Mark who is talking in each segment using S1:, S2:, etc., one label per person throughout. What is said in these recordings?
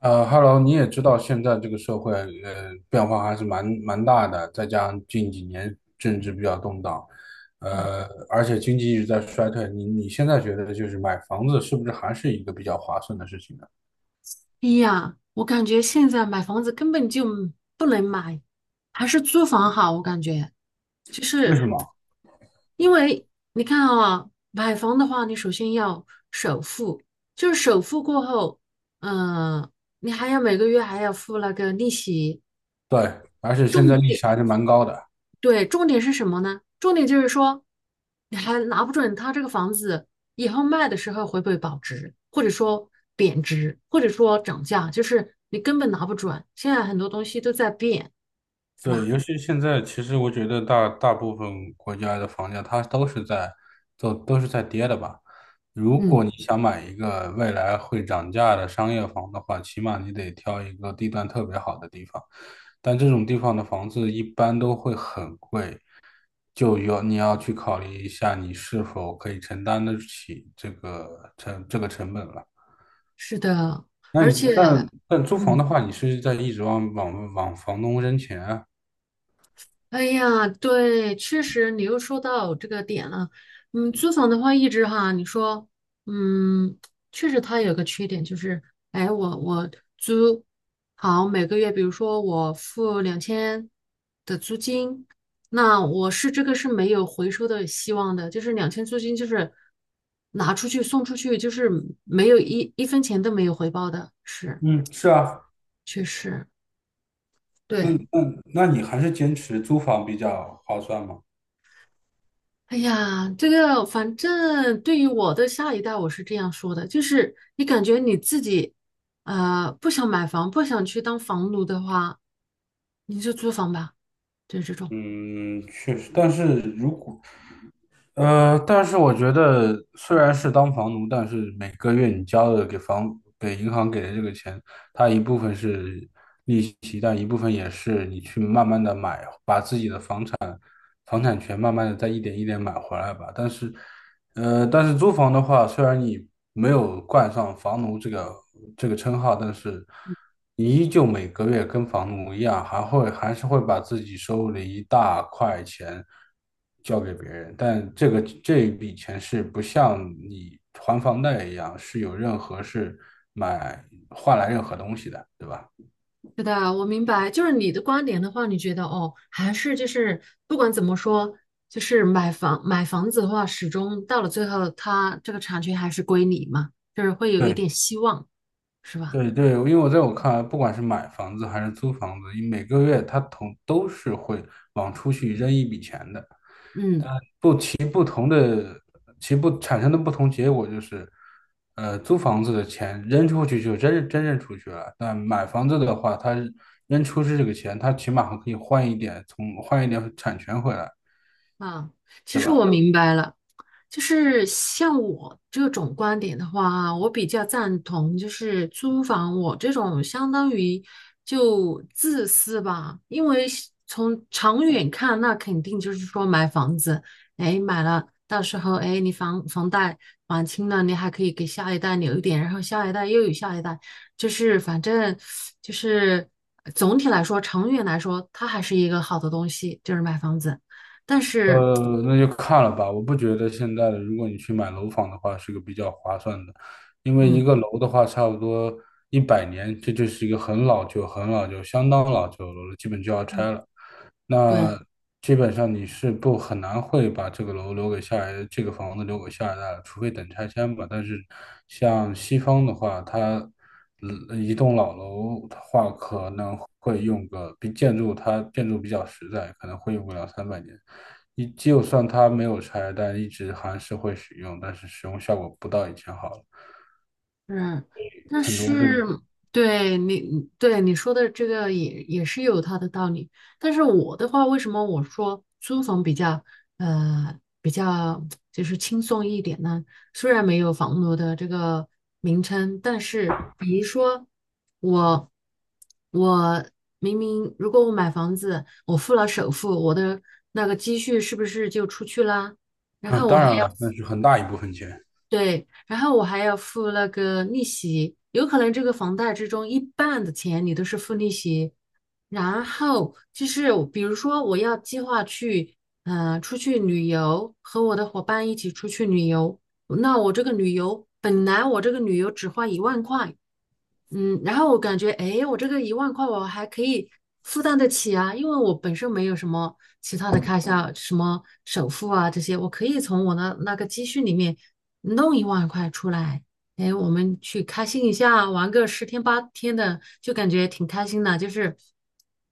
S1: Hello，你也知道现在这个社会，变化还是蛮大的，再加上近几年政治比较动荡，呃，而且经济一直在衰退，你现在觉得就是买房子是不是还是一个比较划算的事情呢？
S2: 哎呀，我感觉现在买房子根本就不能买，还是租房好。我感觉就
S1: 为
S2: 是
S1: 什么？
S2: 因为你看啊，买房的话，你首先要首付，就是首付过后，嗯、你还要每个月还要付那个利息。
S1: 对，而且现
S2: 重
S1: 在利
S2: 点。
S1: 息还是蛮高的。
S2: 对，重点是什么呢？重点就是说，你还拿不准它这个房子以后卖的时候会不会保值，或者说贬值，或者说涨价，就是你根本拿不准。现在很多东西都在变，是
S1: 对，
S2: 吧？
S1: 尤其现在，其实我觉得大部分国家的房价它都是在跌的吧。如
S2: 嗯，
S1: 果你想买一个未来会涨价的商业房的话，起码你得挑一个地段特别好的地方，但这种地方的房子一般都会很贵，就有你要去考虑一下你是否可以承担得起这个成本了。
S2: 是的。
S1: 那
S2: 而
S1: 你
S2: 且，
S1: 但租房
S2: 嗯，
S1: 的话，你是在一直往房东扔钱啊？
S2: 哎呀，对，确实你又说到这个点了。嗯，租房的话，一直哈，你说，嗯，确实它有个缺点就是，哎，我租好每个月，比如说我付两千的租金，那我是这个是没有回收的希望的，就是两千租金就是拿出去送出去，就是没有一分钱都没有回报的，是，
S1: 嗯，是啊。
S2: 确实，
S1: 那
S2: 对。
S1: 那那你还是坚持租房比较划算吗？
S2: 哎呀，这个反正对于我的下一代，我是这样说的，就是你感觉你自己，不想买房，不想去当房奴的话，你就租房吧，就是这种。
S1: 嗯，确实，但是我觉得虽然是当房奴，但是每个月你交的给银行给的这个钱，它一部分是利息，但一部分也是你去慢慢的买，把自己的房产权慢慢的再一点一点买回来吧。但是，但是租房的话，虽然你没有冠上房奴这个称号，但是你依旧每个月跟房奴一样，还是会把自己收入的一大块钱交给别人。但这一笔钱是不像你还房贷一样，是有任何是买换来任何东西的，对吧？
S2: 是的，我明白，就是你的观点的话，你觉得哦，还是就是不管怎么说，就是买房子的话，始终到了最后，它这个产权还是归你嘛，就是会有一
S1: 对，
S2: 点希望，是吧？
S1: 对对，因为在我看来，不管是买房子还是租房子，每个月他同都是会往出去扔一笔钱的，
S2: 嗯
S1: 但不同的其不产生的不同结果就是，租房子的钱扔出去就真扔出去了，但买房子的话，他扔出去这个钱，他起码还可以换一点，换一点产权回来，
S2: 啊，其
S1: 对
S2: 实我
S1: 吧？
S2: 明白了。就是像我这种观点的话，我比较赞同，就是租房我这种相当于就自私吧，因为是从长远看，那肯定就是说买房子，哎，买了，到时候哎，你房贷还清了，你还可以给下一代留一点，然后下一代又有下一代，就是反正就是总体来说，长远来说，它还是一个好的东西，就是买房子，但是
S1: 呃，那就看了吧。我不觉得现在的，如果你去买楼房的话，是个比较划算的，因为一
S2: 嗯
S1: 个楼的话，差不多100年，这就是一个很老旧、很老旧、相当老旧的楼了，基本就要
S2: 嗯，
S1: 拆了。
S2: 对。
S1: 那基本上你是不很难会把这个楼留给这个房子留给下一代了，除非等拆迁吧。但是像西方的话，它一栋老楼的话，可能会用个比建筑它建筑比较实在，可能会用个两三百年。你就算它没有拆，但一直还是会使用，但是使用效果不到以前好了。
S2: 嗯，但
S1: 很多这，
S2: 是对你说的这个也是有它的道理。但是我的话，为什么我说租房比较就是轻松一点呢？虽然没有房奴的这个名称，但是比如说我我明明如果我买房子，我付了首付，我的那个积蓄是不是就出去啦？然
S1: 嗯，
S2: 后我
S1: 当
S2: 还
S1: 然
S2: 要
S1: 了，那是很大一部分钱，
S2: 对，然后我还要付那个利息，有可能这个房贷之中一半的钱你都是付利息，然后就是我比如说我要计划去，出去旅游，和我的伙伴一起出去旅游，那我这个旅游本来我这个旅游只花一万块，嗯，然后我感觉，哎，我这个一万块我还可以负担得起啊，因为我本身没有什么其他的开销，什么首付啊这些，我可以从我的那个积蓄里面弄一万块出来，哎，我们去开心一下，玩个十天八天的，就感觉挺开心的，就是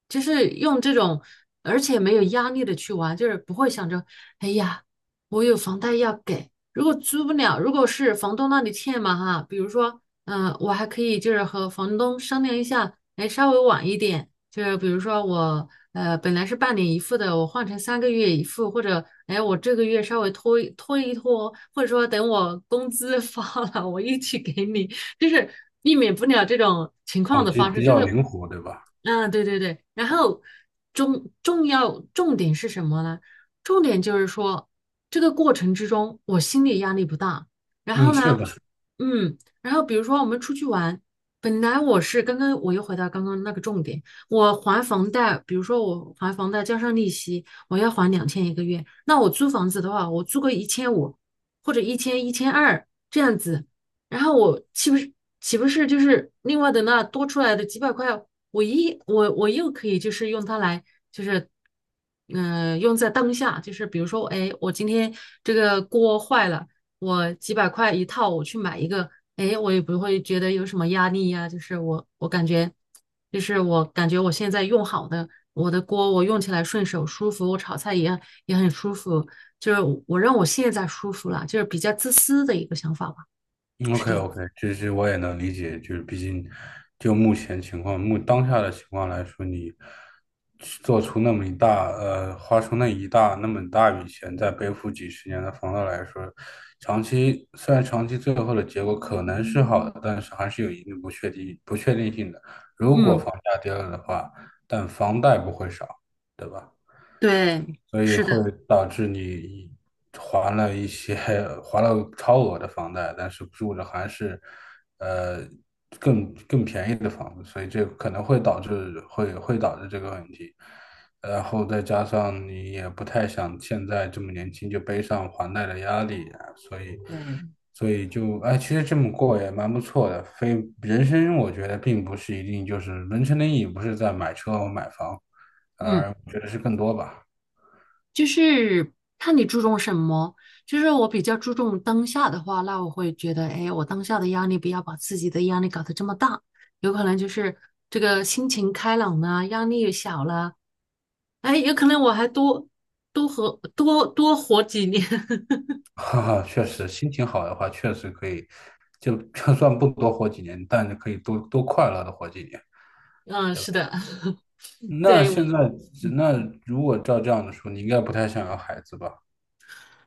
S2: 就是用这种，而且没有压力的去玩，就是不会想着，哎呀，我有房贷要给，如果租不了，如果是房东那里欠嘛哈，比如说，我还可以就是和房东商量一下，哎，稍微晚一点，就是比如说我本来是半年一付的，我换成3个月一付，或者哎我这个月稍微拖一拖，或者说等我工资 发了，我一起给你，就是避免不了这种情
S1: 哦，
S2: 况的
S1: 这
S2: 发生。
S1: 比
S2: 这
S1: 较
S2: 个，
S1: 灵活，对吧？
S2: 嗯、对对对，然后重点是什么呢？重点就是说。这个过程之中，我心理压力不大。然后
S1: 嗯，是
S2: 呢，
S1: 的。
S2: 嗯，然后比如说我们出去玩，本来我是刚刚我又回到刚刚那个重点，我还房贷，比如说我还房贷加上利息，我要还两千一个月。那我租房子的话，我租个1500或者一千二这样子，然后我岂不是就是另外的那多出来的几百块，我一我我又可以就是用它来，就是用在当下，就是比如说，哎，我今天这个锅坏了，我几百块一套，我去买一个，哎，我也不会觉得有什么压力呀、就是我感觉，就是我感觉我现在用好的我的锅，我用起来顺手舒服，我炒菜也很舒服，就是我让我现在舒服了，就是比较自私的一个想法吧，是
S1: OK
S2: 这样。
S1: OK，这我也能理解，就是毕竟就目前情况，当下的情况来说，你去做出那么一大呃，花出那么大笔钱，再背负几十年的房贷来说，虽然长期最后的结果可能是好的，但是还是有一定不确定性的。如果
S2: 嗯，
S1: 房价跌了的话，但房贷不会少，对吧？
S2: 对，
S1: 所以
S2: 是
S1: 会
S2: 的，
S1: 导致你还了一些还了超额的房贷，但是住着还是呃更便宜的房子，所以这可能会导致这个问题。然后再加上你也不太想现在这么年轻就背上还贷的压力啊，所以
S2: 对。
S1: 所以就哎，其实这么过也蛮不错的。非人生我觉得并不是一定，就是人生的意义不是在买车和买房，
S2: 嗯。
S1: 而我觉得是更多吧。
S2: 就是看你注重什么。就是我比较注重当下的话，那我会觉得，哎，我当下的压力不要把自己的压力搞得这么大，有可能就是这个心情开朗啦，压力也小了，哎，有可能我还多多活几年。
S1: 哈哈，确实，心情好的话，确实可以，就算不多活几年，但是可以多多快乐的活几年。
S2: 嗯，是的。
S1: 那
S2: 对，
S1: 现在，那如果照这样的说，你应该不太想要孩子吧？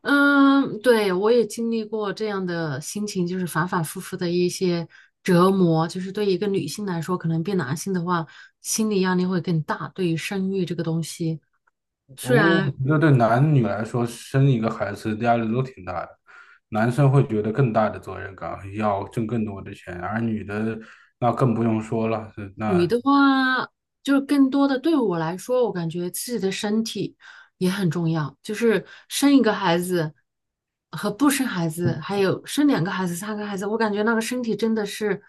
S2: 对，我也经历过这样的心情，就是反反复复的一些折磨。就是对一个女性来说，可能比男性的话，心理压力会更大。对于生育这个东西，虽
S1: 哦，
S2: 然
S1: 那对男女来说，生一个孩子压力都挺大的。男生会觉得更大的责任感，要挣更多的钱，而女的那更不用说了，
S2: 女
S1: 那
S2: 的话，就是更多的对我来说，我感觉自己的身体也很重要。就是生一个孩子和不生孩子，还有生2个孩子、3个孩子，我感觉那个身体真的是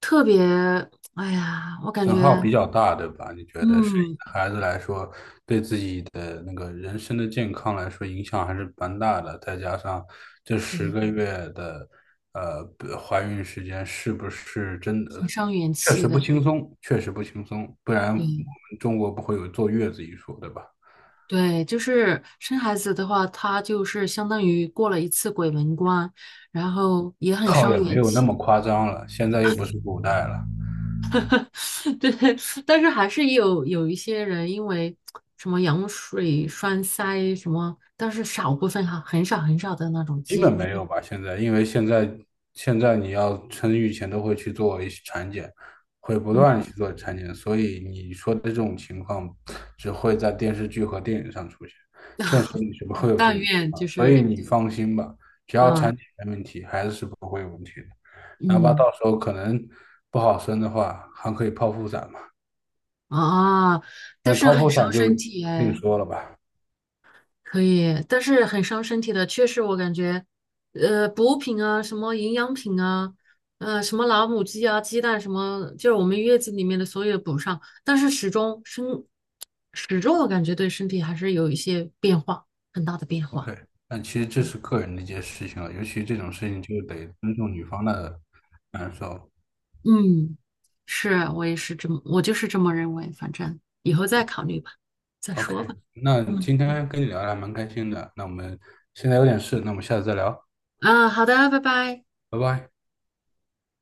S2: 特别，哎呀，我感
S1: 损耗
S2: 觉
S1: 比较大，对吧？你觉得生
S2: 嗯，
S1: 孩子来说，对自己的那个人生的健康来说，影响还是蛮大的。再加上这10个月的呃不怀孕时间，是不是真的
S2: 很伤元
S1: 确
S2: 气
S1: 实不
S2: 的。
S1: 轻松？确实不轻松，不然我
S2: 对
S1: 们中国不会有坐月子一说，对吧？
S2: 对，就是生孩子的话，他就是相当于过了一次鬼门关，然后也很
S1: 倒也
S2: 伤
S1: 没
S2: 元
S1: 有那
S2: 气。
S1: 么夸张了，现在又不是古代了。
S2: 对，但是还是有一些人因为什么羊水栓塞什么，但是少部分哈，很少很少的那种
S1: 基本
S2: 几
S1: 没
S2: 率。
S1: 有吧，现在，因为现在你要生育前都会去做一些产检，会不
S2: 嗯，
S1: 断地去做产检，所以你说的这种情况只会在电视剧和电影上出现，现实 里是不会有这种
S2: 但
S1: 情
S2: 愿
S1: 况，
S2: 就
S1: 所以
S2: 是，
S1: 你放心吧，只要
S2: 啊，
S1: 产检没问题，孩子是不会有问题的，哪怕
S2: 嗯
S1: 到时候可能不好生的话，还可以剖腹产嘛，
S2: 啊，但
S1: 那
S2: 是
S1: 剖
S2: 很
S1: 腹产
S2: 伤
S1: 就
S2: 身体
S1: 另
S2: 哎，
S1: 说了吧。
S2: 可以，但是很伤身体的，确实我感觉，补品啊，什么营养品啊，什么老母鸡啊，鸡蛋什么，就是我们月子里面的所有补上，但是始终我感觉对身体还是有一些变化，很大的变化。
S1: OK，但其实这
S2: 对，
S1: 是个人的一件事情了，尤其这种事情就得尊重女方的感受。
S2: 嗯，是啊，我也是这么，我就是这么认为。反正以后再考虑吧，再
S1: OK，
S2: 说吧。
S1: 那
S2: 嗯，
S1: 今天跟你聊的还蛮开心的，那我们现在有点事，那我们下次再聊，
S2: 啊，好的，拜拜。
S1: 拜拜。